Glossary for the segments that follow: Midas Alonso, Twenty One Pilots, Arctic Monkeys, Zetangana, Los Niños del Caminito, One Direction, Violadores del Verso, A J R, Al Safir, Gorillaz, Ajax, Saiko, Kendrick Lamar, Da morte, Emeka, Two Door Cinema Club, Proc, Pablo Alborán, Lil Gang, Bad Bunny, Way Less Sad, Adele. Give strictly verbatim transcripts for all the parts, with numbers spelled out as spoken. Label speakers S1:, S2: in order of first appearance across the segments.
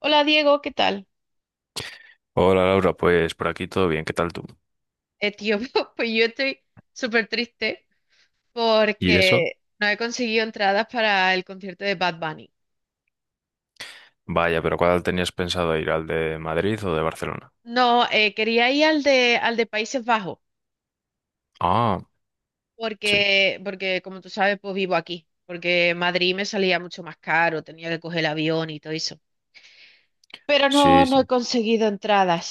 S1: Hola Diego, ¿qué tal?
S2: Hola Laura, pues por aquí todo bien, ¿qué tal tú?
S1: Eh, tío, pues yo estoy súper triste
S2: ¿Y eso?
S1: porque no he conseguido entradas para el concierto de Bad Bunny.
S2: Vaya, pero ¿cuál tenías pensado ir? ¿Al de Madrid o de Barcelona?
S1: No, eh, quería ir al de, al de Países Bajos
S2: Ah, sí,
S1: porque, porque, como tú sabes, pues vivo aquí, porque Madrid me salía mucho más caro, tenía que coger el avión y todo eso. Pero no,
S2: sí,
S1: no he
S2: sí.
S1: conseguido entradas.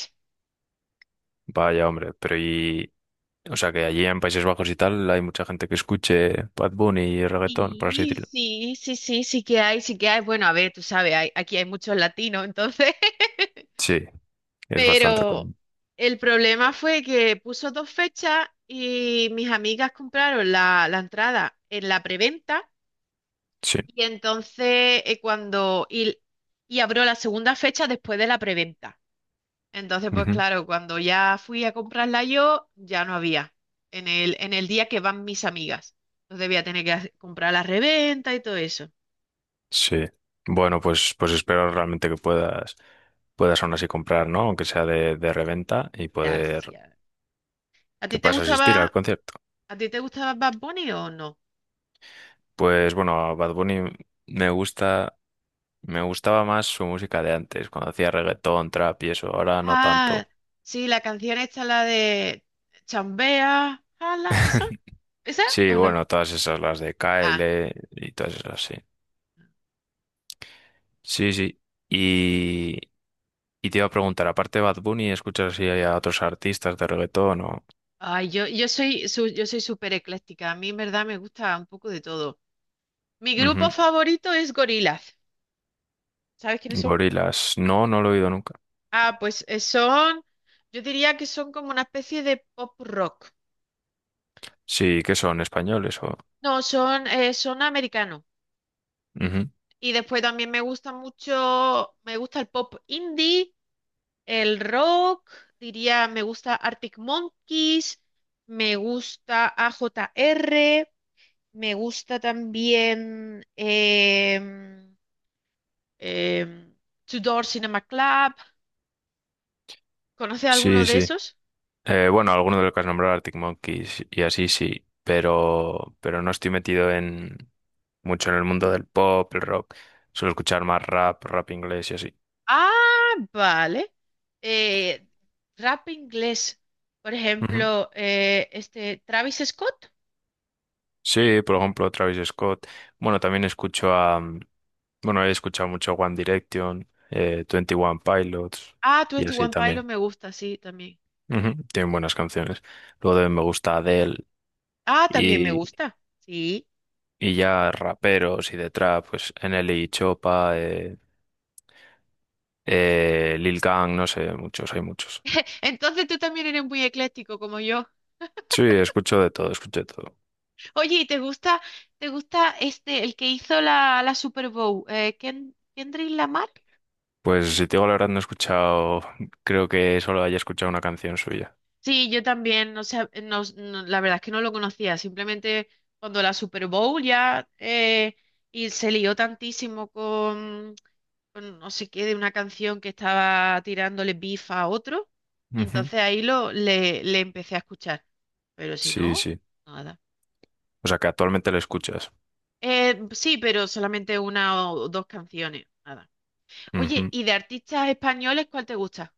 S2: Vaya, hombre, pero y... O sea, que allí en Países Bajos y tal hay mucha gente que escuche Bad Bunny y reggaetón, por así
S1: Sí,
S2: decirlo.
S1: sí, sí, sí, sí que hay, sí que hay. Bueno, a ver, tú sabes, hay- aquí hay muchos latinos, entonces...
S2: Sí, es bastante
S1: Pero
S2: común.
S1: el problema fue que puso dos fechas y mis amigas compraron la, la entrada en la preventa
S2: Sí,
S1: y entonces eh, cuando y, y abrió la segunda fecha después de la preventa. Entonces, pues
S2: ujú,
S1: claro, cuando ya fui a comprarla yo, ya no había en el, en el día que van mis amigas. Entonces voy a tener que hacer- comprar la reventa y todo eso.
S2: sí. Bueno, pues, pues espero realmente que puedas, puedas aún así comprar, ¿no? Aunque sea de, de reventa y poder...
S1: Gracias. ¿A ti
S2: que
S1: te
S2: puedas
S1: gustaba,
S2: asistir al concierto.
S1: a ti te gustaba Bad Bunny o no?
S2: Pues bueno, a Bad Bunny me gusta... Me gustaba más su música de antes, cuando hacía reggaetón, trap y eso, ahora no
S1: Ah,
S2: tanto.
S1: sí, la canción esta, la de Chambea, ala, ¿esa? ¿Esa
S2: Sí,
S1: o no?
S2: bueno, todas esas, las de K
S1: Ah,
S2: L y todas esas, sí. Sí, sí. Y, y te iba a preguntar, aparte de Bad Bunny, ¿escuchas si hay a otros artistas de reggaetón o...?
S1: ay, yo, yo soy su- yo soy súper ecléctica. A mí, en verdad, me gusta un poco de todo. Mi grupo
S2: Ujú.
S1: favorito es Gorillaz. ¿Sabes quiénes son?
S2: Gorilas. No, no lo he oído nunca.
S1: Ah, pues eh, son, yo diría que son como una especie de pop rock.
S2: Sí, ¿qué son? ¿Españoles o...?
S1: No, son, eh, son americanos.
S2: Ujú.
S1: Y después también me gusta mucho, me gusta el pop indie. El rock, diría, me gusta Arctic Monkeys, me gusta A J R, me gusta también em, em, Two Door Cinema Club. ¿Conoce alguno
S2: Sí,
S1: de
S2: sí.
S1: esos?
S2: Eh, bueno, alguno de los que has nombrado, Arctic Monkeys y así sí, pero, pero no estoy metido en mucho en el mundo del pop, el rock. Suelo escuchar más rap, rap inglés y así.
S1: Ah, vale. Eh, rap inglés, por
S2: Ujú.
S1: ejemplo, eh, este Travis Scott.
S2: Sí, por ejemplo, Travis Scott. Bueno, también escucho a... mm, Bueno, he escuchado mucho One Direction, eh, twenty One Pilots
S1: Ah,
S2: y
S1: Twenty
S2: así
S1: One Pilots
S2: también.
S1: me gusta, sí, también.
S2: Ujú. Tienen buenas canciones. Luego también me gusta Adele
S1: Ah, también me
S2: y,
S1: gusta, sí.
S2: y ya raperos y de trap, pues N L E y Chopa, eh, Eh, Lil Gang, no sé, muchos, hay muchos.
S1: Entonces tú también eres muy ecléctico como yo.
S2: Sí, escucho de todo, escucho de todo.
S1: Oye, ¿y te gusta, te gusta este, el que hizo la, la Super Bowl? Eh, Ken- ¿Kendrick Lamar?
S2: Pues si te digo la verdad, no he escuchado, creo que solo haya escuchado una canción suya.
S1: Sí, yo también, o sea, no, no, la verdad es que no lo conocía, simplemente cuando la Super Bowl ya eh, y se lió tantísimo con, con no sé qué, de una canción que estaba tirándole beef a otro, y
S2: Ujú.
S1: entonces ahí lo, le, le empecé a escuchar, pero si
S2: Sí,
S1: no,
S2: sí.
S1: nada.
S2: O sea, que actualmente lo escuchas.
S1: Eh, sí, pero solamente una o dos canciones, nada. Oye,
S2: Ujú.
S1: ¿y de artistas españoles cuál te gusta?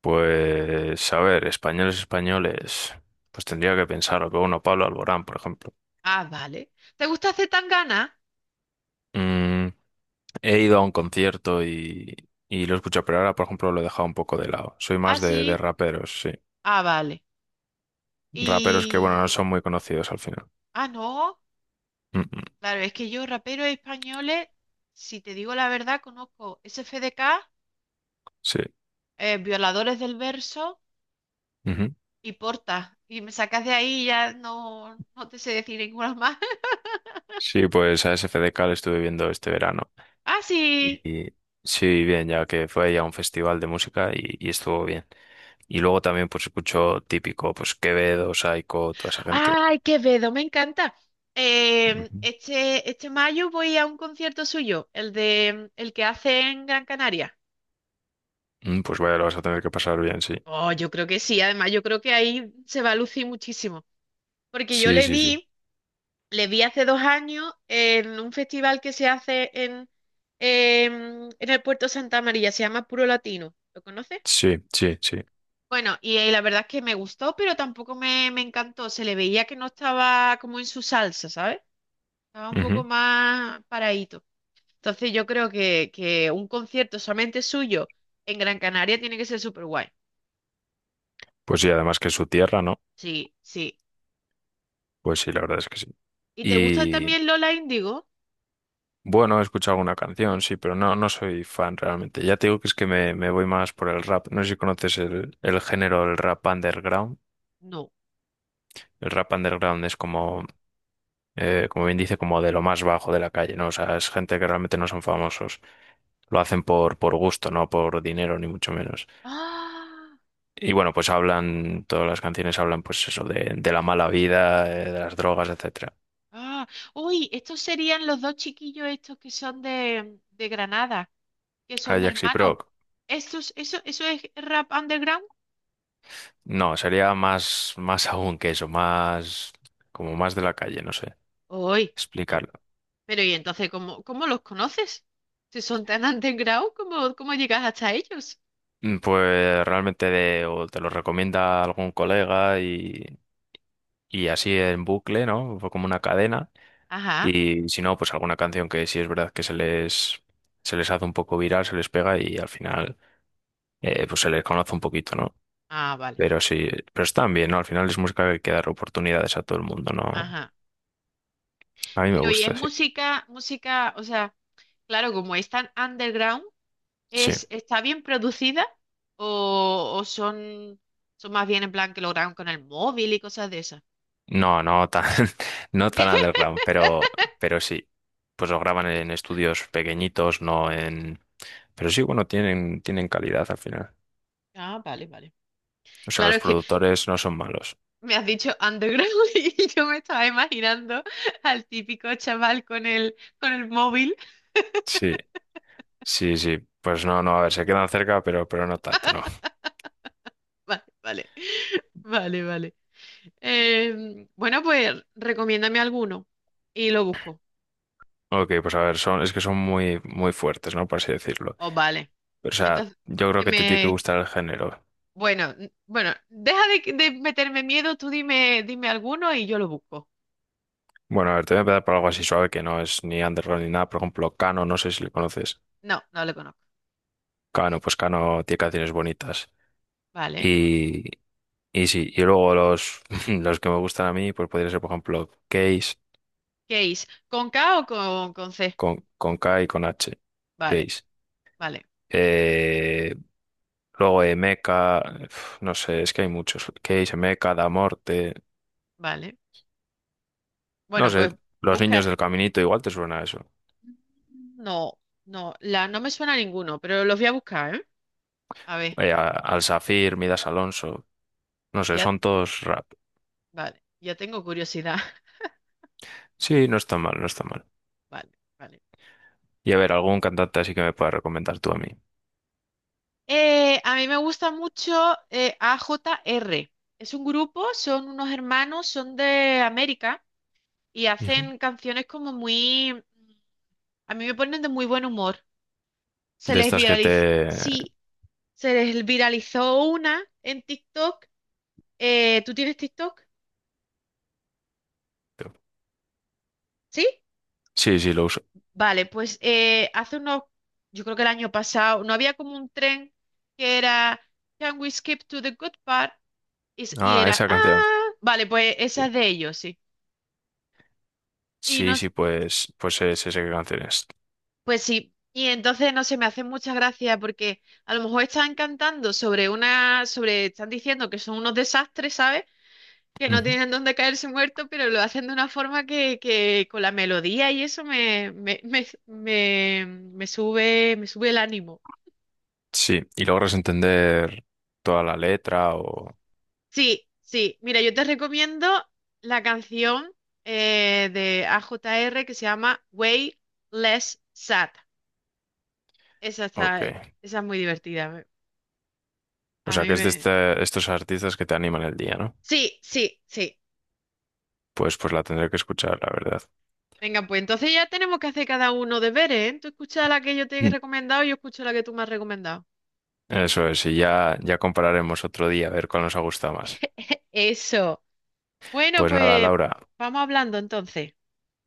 S2: Pues, a ver, españoles, españoles. Pues tendría que pensar, que uno, Pablo Alborán, por ejemplo.
S1: Ah, vale. ¿Te gusta Zetangana?
S2: Mm, He ido a un concierto y, y lo he escuchado, pero ahora, por ejemplo, lo he dejado un poco de lado. Soy
S1: Ah,
S2: más de, de
S1: sí.
S2: raperos, sí.
S1: Ah, vale.
S2: Raperos que, bueno, no
S1: Y...
S2: son muy conocidos al final.
S1: Ah, no.
S2: Mm, mm,
S1: Claro, es que yo raperos españoles, si te digo la verdad, conozco S F D K,
S2: sí.
S1: eh, Violadores del Verso
S2: Ujú.
S1: y Porta. Y me sacas de ahí y ya no, no te sé decir ninguna más.
S2: Sí, pues a S F D K lo estuve viendo este verano.
S1: Ah, sí.
S2: Y sí, bien, ya que fue ya un festival de música y, y estuvo bien. Y luego también pues escucho típico, pues Quevedo, Saiko, toda esa gente.
S1: Ay, Quevedo, me encanta. Em,
S2: Ujú.
S1: este, este mayo voy a un concierto suyo, el de el que hace en Gran Canaria.
S2: Mm, Pues vaya, lo vas a tener que pasar bien, sí.
S1: Oh, yo creo que sí. Además, yo creo que ahí se va a lucir muchísimo. Porque yo
S2: Sí,
S1: le
S2: sí, sí.
S1: vi, le vi hace dos años en un festival que se hace en, em, en el Puerto Santa María, se llama Puro Latino. ¿Lo conoces?
S2: Sí, sí, sí.
S1: Bueno, y, eh, la verdad es que me gustó, pero tampoco me, me encantó. Se le veía que no estaba como en su salsa, ¿sabes? Estaba un poco
S2: Ujú.
S1: más paradito. Entonces yo creo que, que un concierto solamente suyo en Gran Canaria tiene que ser súper guay.
S2: Pues sí, además que es su tierra, ¿no?
S1: Sí, sí.
S2: Pues sí, la verdad es que sí.
S1: ¿Y te gusta
S2: Y
S1: también Lola Índigo?
S2: bueno, he escuchado alguna canción, sí, pero no, no soy fan realmente. Ya te digo que es que me, me voy más por el rap. No sé si conoces el, el género del rap underground.
S1: No.
S2: El rap underground es como, eh, como bien dice, como de lo más bajo de la calle, ¿no? O sea, es gente que realmente no son famosos. Lo hacen por, por gusto, no por dinero, ni mucho menos.
S1: ¡Ah!
S2: Y bueno, pues hablan, todas las canciones hablan, pues eso, de, de la mala vida, eh, de las drogas, etcétera.
S1: ¡Ah! Uy, estos serían los dos chiquillos estos que son de, de Granada, que son
S2: Ajax y
S1: hermanos.
S2: Proc.
S1: ¿Estos, eso, eso es rap underground?
S2: No, sería más, más aún que eso, más, como más de la calle, no sé,
S1: Uy, no.
S2: explicarlo.
S1: Pero ¿y entonces cómo, cómo los conoces? Si son tan underground, ¿cómo, cómo llegas hasta ellos?
S2: Mm, Pues realmente de- o te lo recomienda algún colega y, y así en bucle, ¿no? Fue como una cadena.
S1: Ajá.
S2: Y si no, pues alguna canción que sí es verdad que se les, se les hace un poco viral, se les pega y al final eh, pues se les conoce un poquito, ¿no?
S1: Ah, vale.
S2: Pero sí, pero están bien, ¿no? Al final es música que hay que dar oportunidades a todo el mundo, ¿no?
S1: Ajá.
S2: A mí me
S1: Pero ¿y es
S2: gusta, sí.
S1: música, música, o sea, claro, como es tan underground?
S2: Sí.
S1: ¿Es, está bien producida o, o son, son más bien en plan que lo graban con el móvil y cosas de esas?
S2: No, no tan, no tan underground, pero, pero sí. Pues lo graban en estudios pequeñitos, no en... Pero sí, bueno, tienen, tienen calidad al final.
S1: Ah, vale, vale.
S2: O sea,
S1: Claro,
S2: los
S1: es que
S2: productores no son malos.
S1: me has dicho underground y yo me estaba imaginando al típico chaval con el, con el móvil.
S2: Sí, sí, sí. Pues no, no, a ver, se quedan cerca, pero, pero no tanto, ¿no?
S1: Vale, vale, vale, vale. Eh, bueno, pues recomiéndame alguno y lo busco.
S2: Ok, pues a ver, son, es que son muy, muy fuertes, ¿no? Por así decirlo.
S1: Oh, vale.
S2: Pero, o sea,
S1: Entonces,
S2: yo creo
S1: que
S2: que te tiene que
S1: me...
S2: gustar el género.
S1: Bueno, n- bueno, deja de, de meterme miedo, tú dime, dime alguno y yo lo busco.
S2: Bueno, a ver, te voy a empezar por algo así suave que no es ni underground ni nada. Por ejemplo, Cano, no sé si le conoces.
S1: No, no lo conozco.
S2: Cano, pues Cano tiene canciones bonitas.
S1: Vale.
S2: Y, y sí, y luego los, los que me gustan a mí, pues podría ser, por ejemplo, Case,
S1: Case. ¿Con K o con, con C?
S2: con, con K y con H.
S1: Vale,
S2: Case.
S1: vale,
S2: Eh, luego Emeka, uf, no sé, es que hay muchos. Case, Emeka, Da morte.
S1: vale.
S2: No
S1: Bueno,
S2: sé,
S1: pues
S2: Los
S1: busca.
S2: Niños del Caminito, igual te suena eso.
S1: No, no, la, no me suena a ninguno, pero los voy a buscar, ¿eh? A ver,
S2: eh, a- Al Safir, Midas Alonso, no sé,
S1: ya,
S2: son todos rap.
S1: vale, ya tengo curiosidad.
S2: Sí, no está mal, no está mal.
S1: Vale, vale.
S2: Y a ver, algún cantante así que me puedas recomendar tú a mí.
S1: Eh, a mí me gusta mucho eh, A J R. Es un grupo, son unos hermanos, son de América y
S2: Ujú.
S1: hacen canciones como muy... A mí me ponen de muy buen humor. Se
S2: De
S1: les
S2: estas que
S1: viraliza.
S2: te...
S1: Sí. Se les viralizó una en TikTok. Eh, ¿tú tienes TikTok? ¿Sí?
S2: Sí, sí, lo uso.
S1: Vale, pues eh, hace unos, yo creo que el año pasado, no había como un tren que era Can we skip to the good part? Y, s- y
S2: Ah,
S1: era,
S2: esa canción.
S1: ah, vale, pues
S2: Sí,
S1: esa es de ellos, sí. Y
S2: sí,
S1: nos,
S2: sí, pues, pues es esa canción es.
S1: pues sí, y entonces no se me hace mucha gracia porque a lo mejor están cantando sobre una, sobre, están diciendo que son unos desastres, ¿sabes? Que no
S2: Ujú.
S1: tienen dónde caerse muertos, pero lo hacen de una forma que, que con la melodía y eso me, me, me, me, me sube, me sube el ánimo.
S2: Sí, y logras entender toda la letra o...
S1: Sí, sí, mira, yo te recomiendo la canción eh, de A J R que se llama Way Less Sad. Esa está,
S2: Ok.
S1: esa es muy divertida. me-
S2: O
S1: A
S2: sea, que
S1: mí
S2: es de
S1: me...
S2: este- estos artistas que te animan el día, ¿no?
S1: Sí, sí, sí.
S2: Pues, pues la tendré que escuchar, la verdad.
S1: Venga, pues entonces ya tenemos que hacer cada uno deberes, ¿eh? Tú escuchas la que yo te he
S2: Mm.
S1: recomendado y yo escucho la que tú me has recomendado.
S2: Eso es, y ya, ya compararemos otro día a ver cuál nos ha gustado más.
S1: Eso. Bueno,
S2: Pues nada,
S1: pues
S2: Laura,
S1: vamos hablando entonces.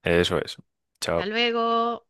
S2: eso es.
S1: Hasta
S2: Chao.
S1: luego.